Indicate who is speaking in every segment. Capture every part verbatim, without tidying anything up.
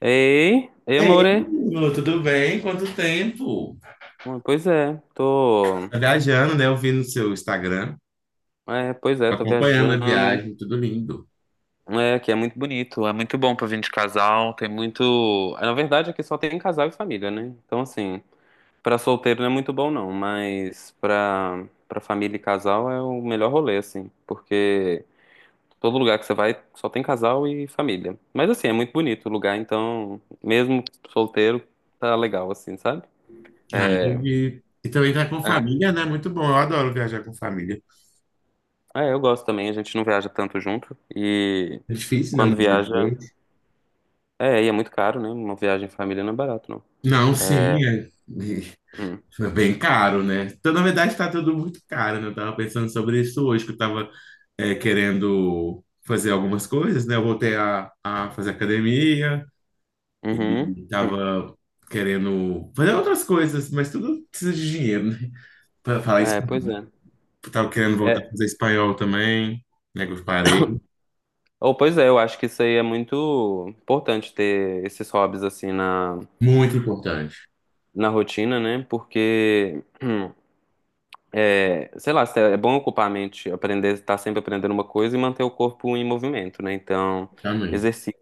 Speaker 1: Ei, ei,
Speaker 2: Ei,
Speaker 1: amore.
Speaker 2: Lu, tudo bem? Quanto tempo?
Speaker 1: Hum, Pois é, tô.
Speaker 2: Tá viajando, né? Eu vi no seu Instagram,
Speaker 1: É, pois é, tô
Speaker 2: acompanhando a
Speaker 1: viajando.
Speaker 2: viagem, tudo lindo.
Speaker 1: É, que é muito bonito, é muito bom pra vir de casal. Tem muito. é, Na verdade, aqui só tem casal e família, né? Então, assim, pra solteiro não é muito bom, não, mas pra, pra família e casal é o melhor rolê, assim, porque todo lugar que você vai só tem casal e família. Mas, assim, é muito bonito o lugar, então, mesmo solteiro, tá legal, assim, sabe?
Speaker 2: Ah, e, e também tá com
Speaker 1: É.
Speaker 2: família, né? Muito bom, eu adoro viajar com família.
Speaker 1: É, eu gosto também, a gente não viaja tanto junto e
Speaker 2: É difícil, né?
Speaker 1: quando
Speaker 2: Nos dias
Speaker 1: viaja,
Speaker 2: de hoje.
Speaker 1: é, e é muito caro, né? Uma viagem em família não é barato, não.
Speaker 2: Não,
Speaker 1: É.
Speaker 2: sim, é,
Speaker 1: Hum.
Speaker 2: é bem caro, né? Então, na verdade, tá tudo muito caro, né? Eu tava pensando sobre isso hoje, que eu tava é, querendo fazer algumas coisas, né? Eu voltei a, a fazer academia,
Speaker 1: Uhum.
Speaker 2: Ele tava querendo fazer outras coisas, mas tudo precisa de dinheiro, né? Para falar isso,
Speaker 1: É, pois é.
Speaker 2: tava querendo voltar a
Speaker 1: É,
Speaker 2: fazer espanhol também, né? Que eu parei.
Speaker 1: ou pois é, eu acho que isso aí é muito importante ter esses hobbies assim na,
Speaker 2: Muito importante,
Speaker 1: na rotina, né? Porque É, sei lá, é bom ocupar a mente, aprender, estar sempre aprendendo uma coisa e manter o corpo em movimento, né? Então,
Speaker 2: também.
Speaker 1: exercício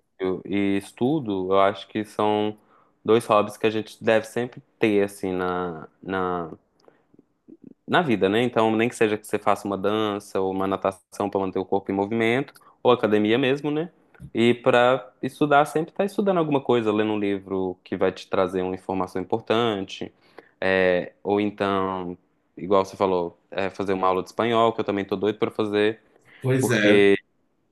Speaker 1: e estudo, eu acho que são dois hobbies que a gente deve sempre ter, assim, na, na, na vida, né? Então, nem que seja que você faça uma dança ou uma natação para manter o corpo em movimento, ou academia mesmo, né? E para estudar, sempre tá estudando alguma coisa, lendo um livro que vai te trazer uma informação importante, é, ou então, igual você falou, é, fazer uma aula de espanhol, que eu também tô doido para fazer,
Speaker 2: Pois é,
Speaker 1: porque,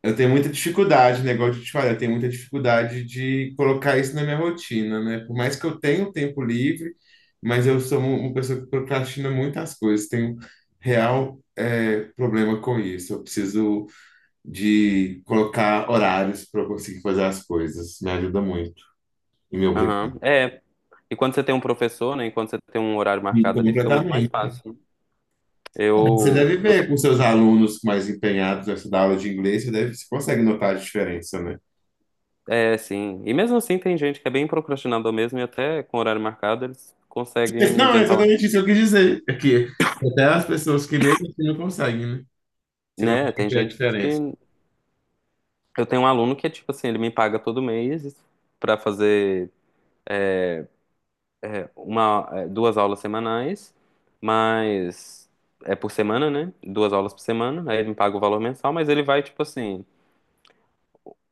Speaker 2: eu tenho muita dificuldade, negócio de te falar, eu tenho muita dificuldade de colocar isso na minha rotina, né? Por mais que eu tenha tempo livre, mas eu sou um- uma pessoa que procrastina muitas coisas, tenho real, eh, problema com isso. Eu preciso de colocar horários para eu conseguir fazer as coisas. Me ajuda muito e me obriga
Speaker 1: aham, é. E quando você tem um professor, né? E quando você tem um horário
Speaker 2: e
Speaker 1: marcado ali, fica muito mais
Speaker 2: completamente.
Speaker 1: fácil.
Speaker 2: Você
Speaker 1: Eu,
Speaker 2: deve
Speaker 1: eu
Speaker 2: ver com seus alunos mais empenhados nessa da aula de inglês, você deve, você consegue notar a diferença, né?
Speaker 1: É, sim. E mesmo assim tem gente que é bem procrastinador mesmo e até com horário marcado eles
Speaker 2: Mas
Speaker 1: conseguem
Speaker 2: não, é
Speaker 1: inventar, uma-
Speaker 2: exatamente isso que eu quis dizer. É que até as pessoas que mesmo assim não conseguem, né? Você
Speaker 1: né?
Speaker 2: consegue
Speaker 1: Tem
Speaker 2: ver a
Speaker 1: gente
Speaker 2: diferença.
Speaker 1: que eu tenho um aluno que é tipo assim, ele me paga todo mês pra fazer uma, eh, duas aulas semanais, mas é por semana, né? Duas aulas por semana, aí ele me paga o valor mensal, mas ele vai tipo assim,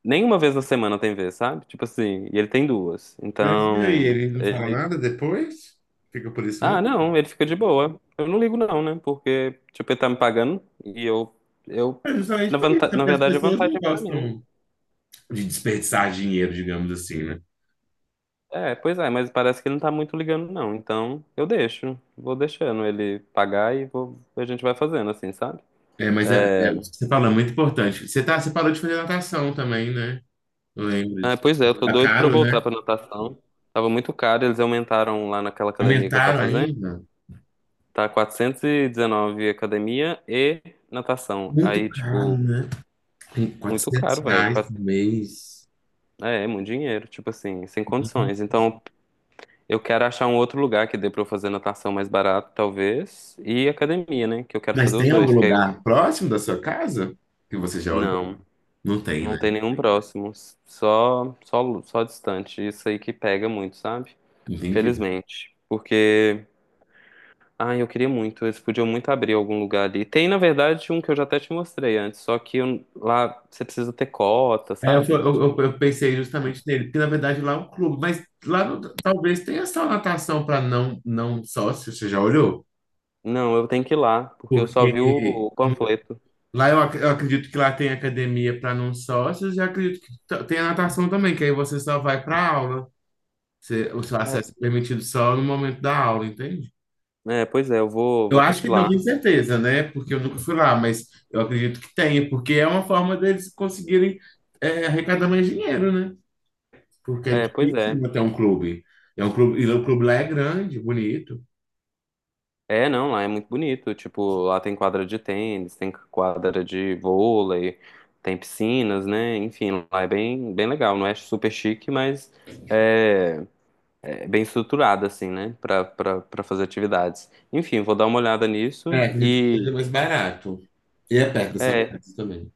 Speaker 1: nenhuma vez na semana tem vez, sabe? Tipo assim, e ele tem duas.
Speaker 2: Mas e aí,
Speaker 1: Então,
Speaker 2: ele não fala nada depois? Fica por isso
Speaker 1: ah,
Speaker 2: mesmo?
Speaker 1: não, ele fica de boa. Eu não ligo não, né? Porque, tipo, ele tá me pagando e eu, eu,
Speaker 2: É justamente
Speaker 1: na,
Speaker 2: por isso,
Speaker 1: vanta-
Speaker 2: né?
Speaker 1: na
Speaker 2: Porque as
Speaker 1: verdade, a
Speaker 2: pessoas não
Speaker 1: vantagem é pra mim, né?
Speaker 2: gostam de desperdiçar dinheiro, digamos assim, né?
Speaker 1: É, pois é, mas parece que ele não tá muito ligando não, então eu deixo, vou deixando ele pagar e vou, a gente vai fazendo assim, sabe?
Speaker 2: É, mas é, é,
Speaker 1: É,
Speaker 2: isso que você falou, é muito importante. Você tá, você parou de fazer natação também, né? Eu lembro.
Speaker 1: ah, pois é, eu tô
Speaker 2: Tá
Speaker 1: doido pra eu
Speaker 2: caro,
Speaker 1: voltar
Speaker 2: né?
Speaker 1: pra natação. Tava muito caro, eles aumentaram lá naquela academia que eu tava
Speaker 2: Aumentaram
Speaker 1: fazendo.
Speaker 2: ainda?
Speaker 1: Tá quatrocentos e dezenove academia e natação.
Speaker 2: Muito
Speaker 1: Aí,
Speaker 2: caro,
Speaker 1: tipo,
Speaker 2: né? Tem
Speaker 1: muito
Speaker 2: 400
Speaker 1: caro, velho.
Speaker 2: reais por mês.
Speaker 1: É, é muito dinheiro, tipo assim, sem
Speaker 2: Uhum.
Speaker 1: condições. Então, eu quero achar um outro lugar que dê pra eu fazer natação mais barato, talvez, e academia, né? Que eu quero
Speaker 2: Mas
Speaker 1: fazer os
Speaker 2: tem algum
Speaker 1: dois, que aí eu...
Speaker 2: lugar próximo da sua casa que você já
Speaker 1: Não,
Speaker 2: olhou? Não tem,
Speaker 1: não
Speaker 2: né?
Speaker 1: tem nenhum próximo, só, só, só distante. Isso aí que pega muito, sabe?
Speaker 2: Entendi.
Speaker 1: Felizmente. Porque, ai, eu queria muito, eles podiam muito abrir algum lugar ali. Tem, na verdade, um que eu já até te mostrei antes, só que eu- lá você precisa ter cota,
Speaker 2: É, eu, fui-
Speaker 1: sabe?
Speaker 2: eu, eu-
Speaker 1: Tipo,
Speaker 2: eu pensei justamente nele, porque na verdade lá é um clube, mas lá no- talvez tenha só natação para não, não sócio, você já olhou?
Speaker 1: não, eu tenho que ir lá, porque eu só
Speaker 2: Porque
Speaker 1: vi o panfleto.
Speaker 2: lá eu, ac- eu acredito que lá tem academia para não sócios e acredito que t- tem a natação também, que aí você só vai para aula. Você- o seu
Speaker 1: É.
Speaker 2: acesso é permitido só no momento da aula, entende?
Speaker 1: É, pois é, eu vou,
Speaker 2: Eu
Speaker 1: vou ter
Speaker 2: acho
Speaker 1: que
Speaker 2: que
Speaker 1: ir
Speaker 2: não
Speaker 1: lá.
Speaker 2: tenho certeza, né? Porque eu nunca fui lá, mas eu acredito que tenha, porque é uma forma deles conseguirem é, arrecadar mais dinheiro, né? Porque é
Speaker 1: É, pois
Speaker 2: difícil
Speaker 1: é.
Speaker 2: manter um clube. É um clube, e o clube lá é grande, bonito.
Speaker 1: É, não, lá é muito bonito. Tipo, lá tem quadra de tênis, tem quadra de vôlei, tem piscinas, né? Enfim, lá é bem, bem legal. Não é super chique, mas é, é bem estruturado, assim, né? Pra, pra, pra fazer atividades. Enfim, vou dar uma olhada
Speaker 2: É,
Speaker 1: nisso
Speaker 2: acredito que
Speaker 1: e.
Speaker 2: seja mais barato. E é perto da sua
Speaker 1: É,
Speaker 2: casa também.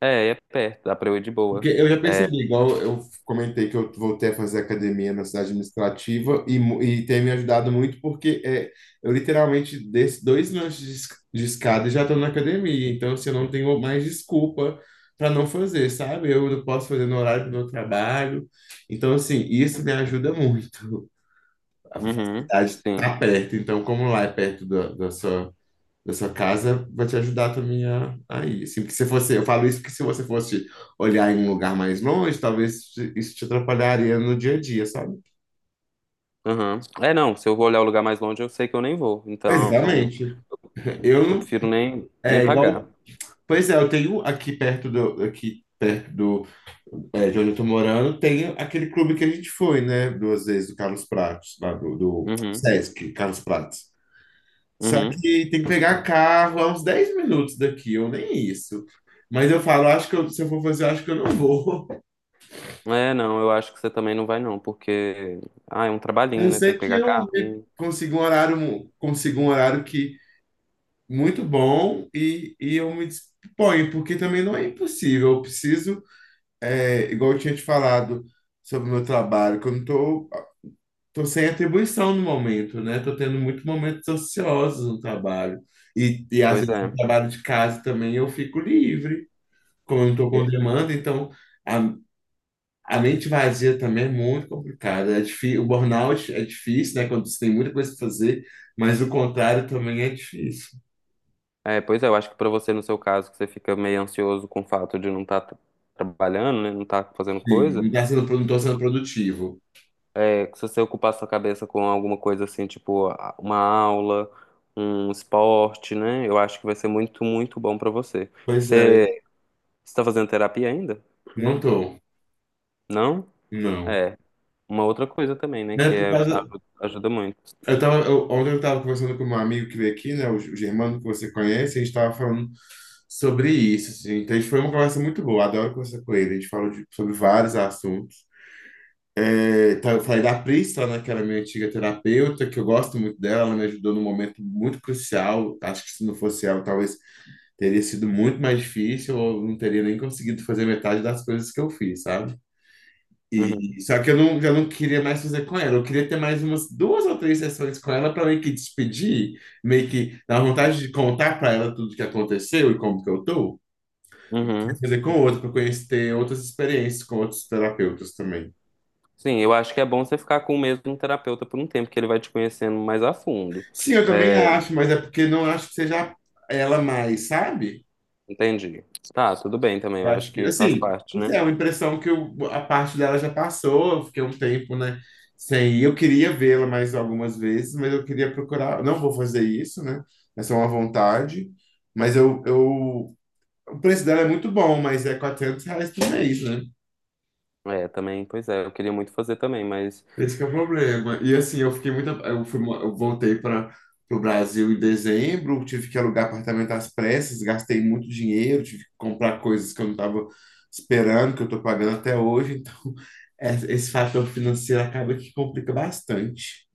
Speaker 1: é, é perto, dá pra eu ir de
Speaker 2: Porque
Speaker 1: boa.
Speaker 2: eu já percebi, igual eu comentei que eu voltei a fazer academia na cidade administrativa e, mu- e tem me ajudado muito porque é, eu literalmente desço dois lanches de esc- de escada e já estou na academia. Então, assim, eu não tenho mais desculpa para não fazer, sabe? Eu não posso fazer no horário do meu trabalho. Então, assim, isso me ajuda muito. A
Speaker 1: Uhum,
Speaker 2: facilidade
Speaker 1: sim.
Speaker 2: está perto. Então, como lá é perto da, da sua da sua casa vai te ajudar também a, a ir. Assim, porque se fosse, eu falo isso porque se você fosse olhar em um lugar mais longe, talvez te- isso te atrapalharia no dia a dia, sabe?
Speaker 1: Uhum. É, não, se eu vou olhar o lugar mais longe, eu sei que eu nem vou. Então,
Speaker 2: Exatamente.
Speaker 1: eu
Speaker 2: Eu
Speaker 1: prefiro nem, nem
Speaker 2: é igual.
Speaker 1: pagar.
Speaker 2: Pois é, eu tenho aqui perto do aqui perto do é, de onde eu tô morando, tem aquele clube que a gente foi, né? Duas vezes do Carlos Prates, lá do, do
Speaker 1: Uhum.
Speaker 2: Sesc, Carlos Prates. Só
Speaker 1: Uhum.
Speaker 2: que tem que pegar carro a uns dez minutos daqui, ou nem isso. Mas eu falo, acho que eu- se eu for fazer, eu acho que eu não vou.
Speaker 1: É, não, eu acho que você também não vai não, porque ah, é um
Speaker 2: A
Speaker 1: trabalhinho,
Speaker 2: não
Speaker 1: né? Tem
Speaker 2: ser
Speaker 1: que
Speaker 2: que
Speaker 1: pegar
Speaker 2: eu
Speaker 1: carro
Speaker 2: me-
Speaker 1: e...
Speaker 2: consiga um horário, mu- consiga um horário que muito bom e, e eu me disponho, porque também não é impossível. Eu preciso, é, igual eu tinha te falado sobre o meu trabalho, que eu não tô, tô sem atribuição no momento, né? Tô tendo muitos momentos ociosos no trabalho. E, e às
Speaker 1: Pois
Speaker 2: vezes no
Speaker 1: é.
Speaker 2: trabalho de casa também eu fico livre, como eu não tô com
Speaker 1: É,
Speaker 2: demanda, então a, a mente vazia também é muito complicada. É difí- o burnout é difícil, né? Quando você tem muita coisa para fazer, mas o contrário também é difícil.
Speaker 1: é, pois é, eu acho que pra você, no seu caso, que você fica meio ansioso com o fato de não estar trabalhando, né? Não estar fazendo
Speaker 2: Sim,
Speaker 1: coisa,
Speaker 2: não tá sendo, pro- não tô sendo produtivo.
Speaker 1: é, que se você ocupar sua cabeça com alguma coisa assim, tipo a- uma aula, um esporte, né? Eu acho que vai ser muito, muito bom pra você.
Speaker 2: Pois é,
Speaker 1: Você está fazendo terapia ainda?
Speaker 2: não tô,
Speaker 1: Não?
Speaker 2: não.
Speaker 1: É. Uma outra coisa também, né?
Speaker 2: É
Speaker 1: Que
Speaker 2: por
Speaker 1: é,
Speaker 2: causa.
Speaker 1: ajuda ajuda muito.
Speaker 2: Eu tava, eu- ontem eu estava conversando com um amigo que veio aqui, né? O, G- o Germano, que você conhece, a gente estava falando sobre isso, assim. Então, a gente foi uma conversa muito boa, adoro conversar com ele. A gente falou de- sobre vários assuntos. É, tá, eu falei da Priscila, né, que era minha antiga terapeuta, que eu gosto muito dela, ela me ajudou num momento muito crucial. Acho que se não fosse ela, talvez teria sido muito mais difícil, ou não teria nem conseguido fazer metade das coisas que eu fiz, sabe?
Speaker 1: Uhum.
Speaker 2: E só que eu não, eu não queria mais fazer com ela. Eu queria ter mais umas duas ou três sessões com ela para meio que despedir, meio que dar vontade de contar para ela tudo que aconteceu e como que eu tô.
Speaker 1: Uhum.
Speaker 2: Fazer com outra, para conhecer ter outras experiências com outros terapeutas também.
Speaker 1: Sim, eu acho que é bom você ficar com o mesmo terapeuta por um tempo, que ele vai te conhecendo mais a fundo.
Speaker 2: Sim, eu também
Speaker 1: É,
Speaker 2: acho, mas é porque não acho que seja ela mais, sabe?
Speaker 1: entendi. Tá, tudo bem também,
Speaker 2: Eu
Speaker 1: eu
Speaker 2: acho
Speaker 1: acho
Speaker 2: que,
Speaker 1: que faz
Speaker 2: assim,
Speaker 1: parte,
Speaker 2: não sei,
Speaker 1: né?
Speaker 2: é uma impressão que eu- a parte dela já passou, eu fiquei um tempo, né, sem ir. Eu queria vê-la mais algumas vezes, mas eu queria procurar. Não vou fazer isso, né? Essa é só uma vontade. Mas eu, eu, o preço dela é muito bom, mas é quatrocentos reais por mês, né?
Speaker 1: É, também, pois é, eu queria muito fazer também, mas
Speaker 2: Esse que é o problema. E assim, eu fiquei muito. Eu, fui, mo- eu voltei para o Brasil em dezembro, tive que alugar apartamento às pressas, gastei muito dinheiro, tive que comprar coisas que eu não estava esperando, que eu estou pagando até hoje. Então, es- esse fator financeiro acaba que complica bastante.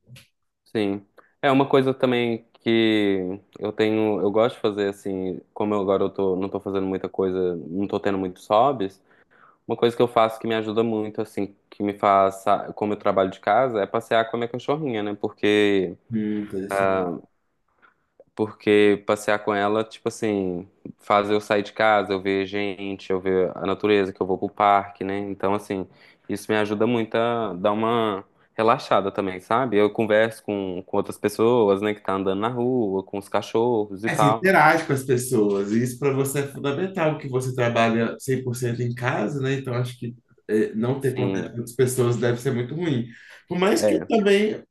Speaker 1: sim. É uma coisa também que eu tenho, eu gosto de fazer assim, como eu agora eu tô, não tô fazendo muita coisa, não tô tendo muitos hobbies, uma coisa que eu faço que me ajuda muito, assim, que me faz, sa- como eu trabalho de casa, é passear com a minha cachorrinha, né? Porque
Speaker 2: Hum,
Speaker 1: ah, Porque passear com ela, tipo assim, faz eu sair de casa, eu ver gente, eu ver a natureza, que eu vou pro parque, né? Então, assim, isso me ajuda muito a dar uma relaxada também, sabe? Eu converso com, com outras pessoas, né, que tá andando na rua, com os cachorros e
Speaker 2: É, você
Speaker 1: tal.
Speaker 2: interage com as pessoas, e isso para você é fundamental, que você trabalha cem por cento em casa, né? Então, acho que é, não ter contato
Speaker 1: Sim,
Speaker 2: com as pessoas deve ser muito ruim. Por mais que eu
Speaker 1: é.
Speaker 2: também,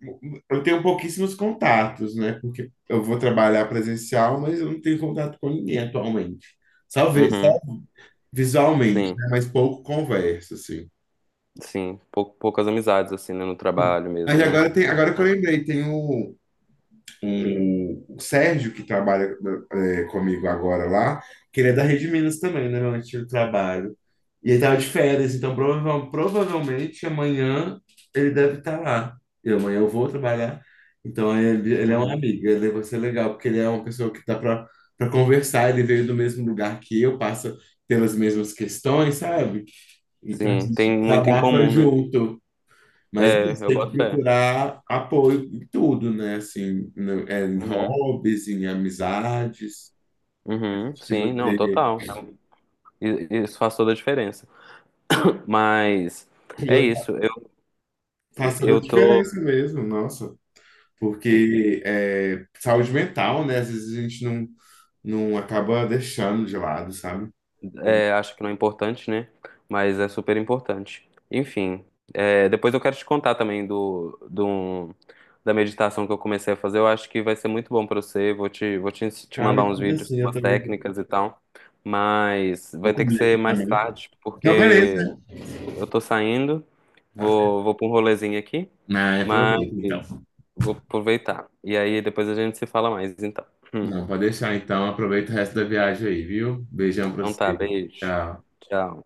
Speaker 2: eu tenho pouquíssimos contatos, né? Porque eu vou trabalhar presencial, mas eu não tenho contato com ninguém atualmente. Só, vi- só
Speaker 1: Uhum,
Speaker 2: visualmente,
Speaker 1: sim,
Speaker 2: né? Mas pouco converso, assim.
Speaker 1: sim. Pou- poucas amizades, assim, né, no trabalho
Speaker 2: Mas
Speaker 1: mesmo, né?
Speaker 2: agora, tem, agora que eu
Speaker 1: É.
Speaker 2: lembrei, tem o, o, o Sérgio, que trabalha é, comigo agora lá, que ele é da Rede Minas também, né, meu antigo trabalho. E ele tava de férias, então prova- provavelmente amanhã ele deve estar lá. E amanhã eu vou trabalhar. Então ele, ele é um
Speaker 1: Uhum.
Speaker 2: amigo, ele vai ser legal, porque ele é uma pessoa que dá para para conversar, ele veio do mesmo lugar que eu, passa pelas mesmas questões, sabe? Então a
Speaker 1: Sim,
Speaker 2: gente
Speaker 1: tem muito em
Speaker 2: desabafa
Speaker 1: comum, né?
Speaker 2: junto. Mas
Speaker 1: É,
Speaker 2: isso,
Speaker 1: eu
Speaker 2: tem que
Speaker 1: boto fé.
Speaker 2: procurar apoio em tudo, né? Assim, no- é, em
Speaker 1: Uhum,
Speaker 2: hobbies, em amizades,
Speaker 1: uhum,
Speaker 2: te
Speaker 1: sim, não,
Speaker 2: manter.
Speaker 1: total. I- Isso faz toda a diferença. Mas é isso. Eu,
Speaker 2: Faz toda a
Speaker 1: eu tô.
Speaker 2: diferença mesmo, nossa. Porque é, saúde mental, né? Às vezes a gente não, não acaba deixando de lado, sabe? E,
Speaker 1: é, acho que não é importante, né? Mas é super importante. Enfim, é, depois eu quero te contar também do, do, um, da meditação que eu comecei a fazer. Eu acho que vai ser muito bom pra você. Vou te, vou te, ens- te
Speaker 2: cara,
Speaker 1: mandar
Speaker 2: me
Speaker 1: uns
Speaker 2: tudo
Speaker 1: vídeos,
Speaker 2: assim, eu
Speaker 1: umas
Speaker 2: também
Speaker 1: técnicas e tal. Mas
Speaker 2: vou
Speaker 1: vai ter que
Speaker 2: comer aqui
Speaker 1: ser mais
Speaker 2: também.
Speaker 1: tarde,
Speaker 2: Então,
Speaker 1: porque
Speaker 2: beleza.
Speaker 1: eu tô saindo.
Speaker 2: Ah,
Speaker 1: Vou, vou pra um rolezinho aqui.
Speaker 2: ah,
Speaker 1: Mas
Speaker 2: aproveita então.
Speaker 1: vou aproveitar. E aí depois a gente se fala mais, então. Hum.
Speaker 2: Não, pode deixar então. Aproveita o resto da viagem aí, viu? Beijão pra
Speaker 1: Então tá,
Speaker 2: você.
Speaker 1: beijo.
Speaker 2: Tchau.
Speaker 1: Tchau.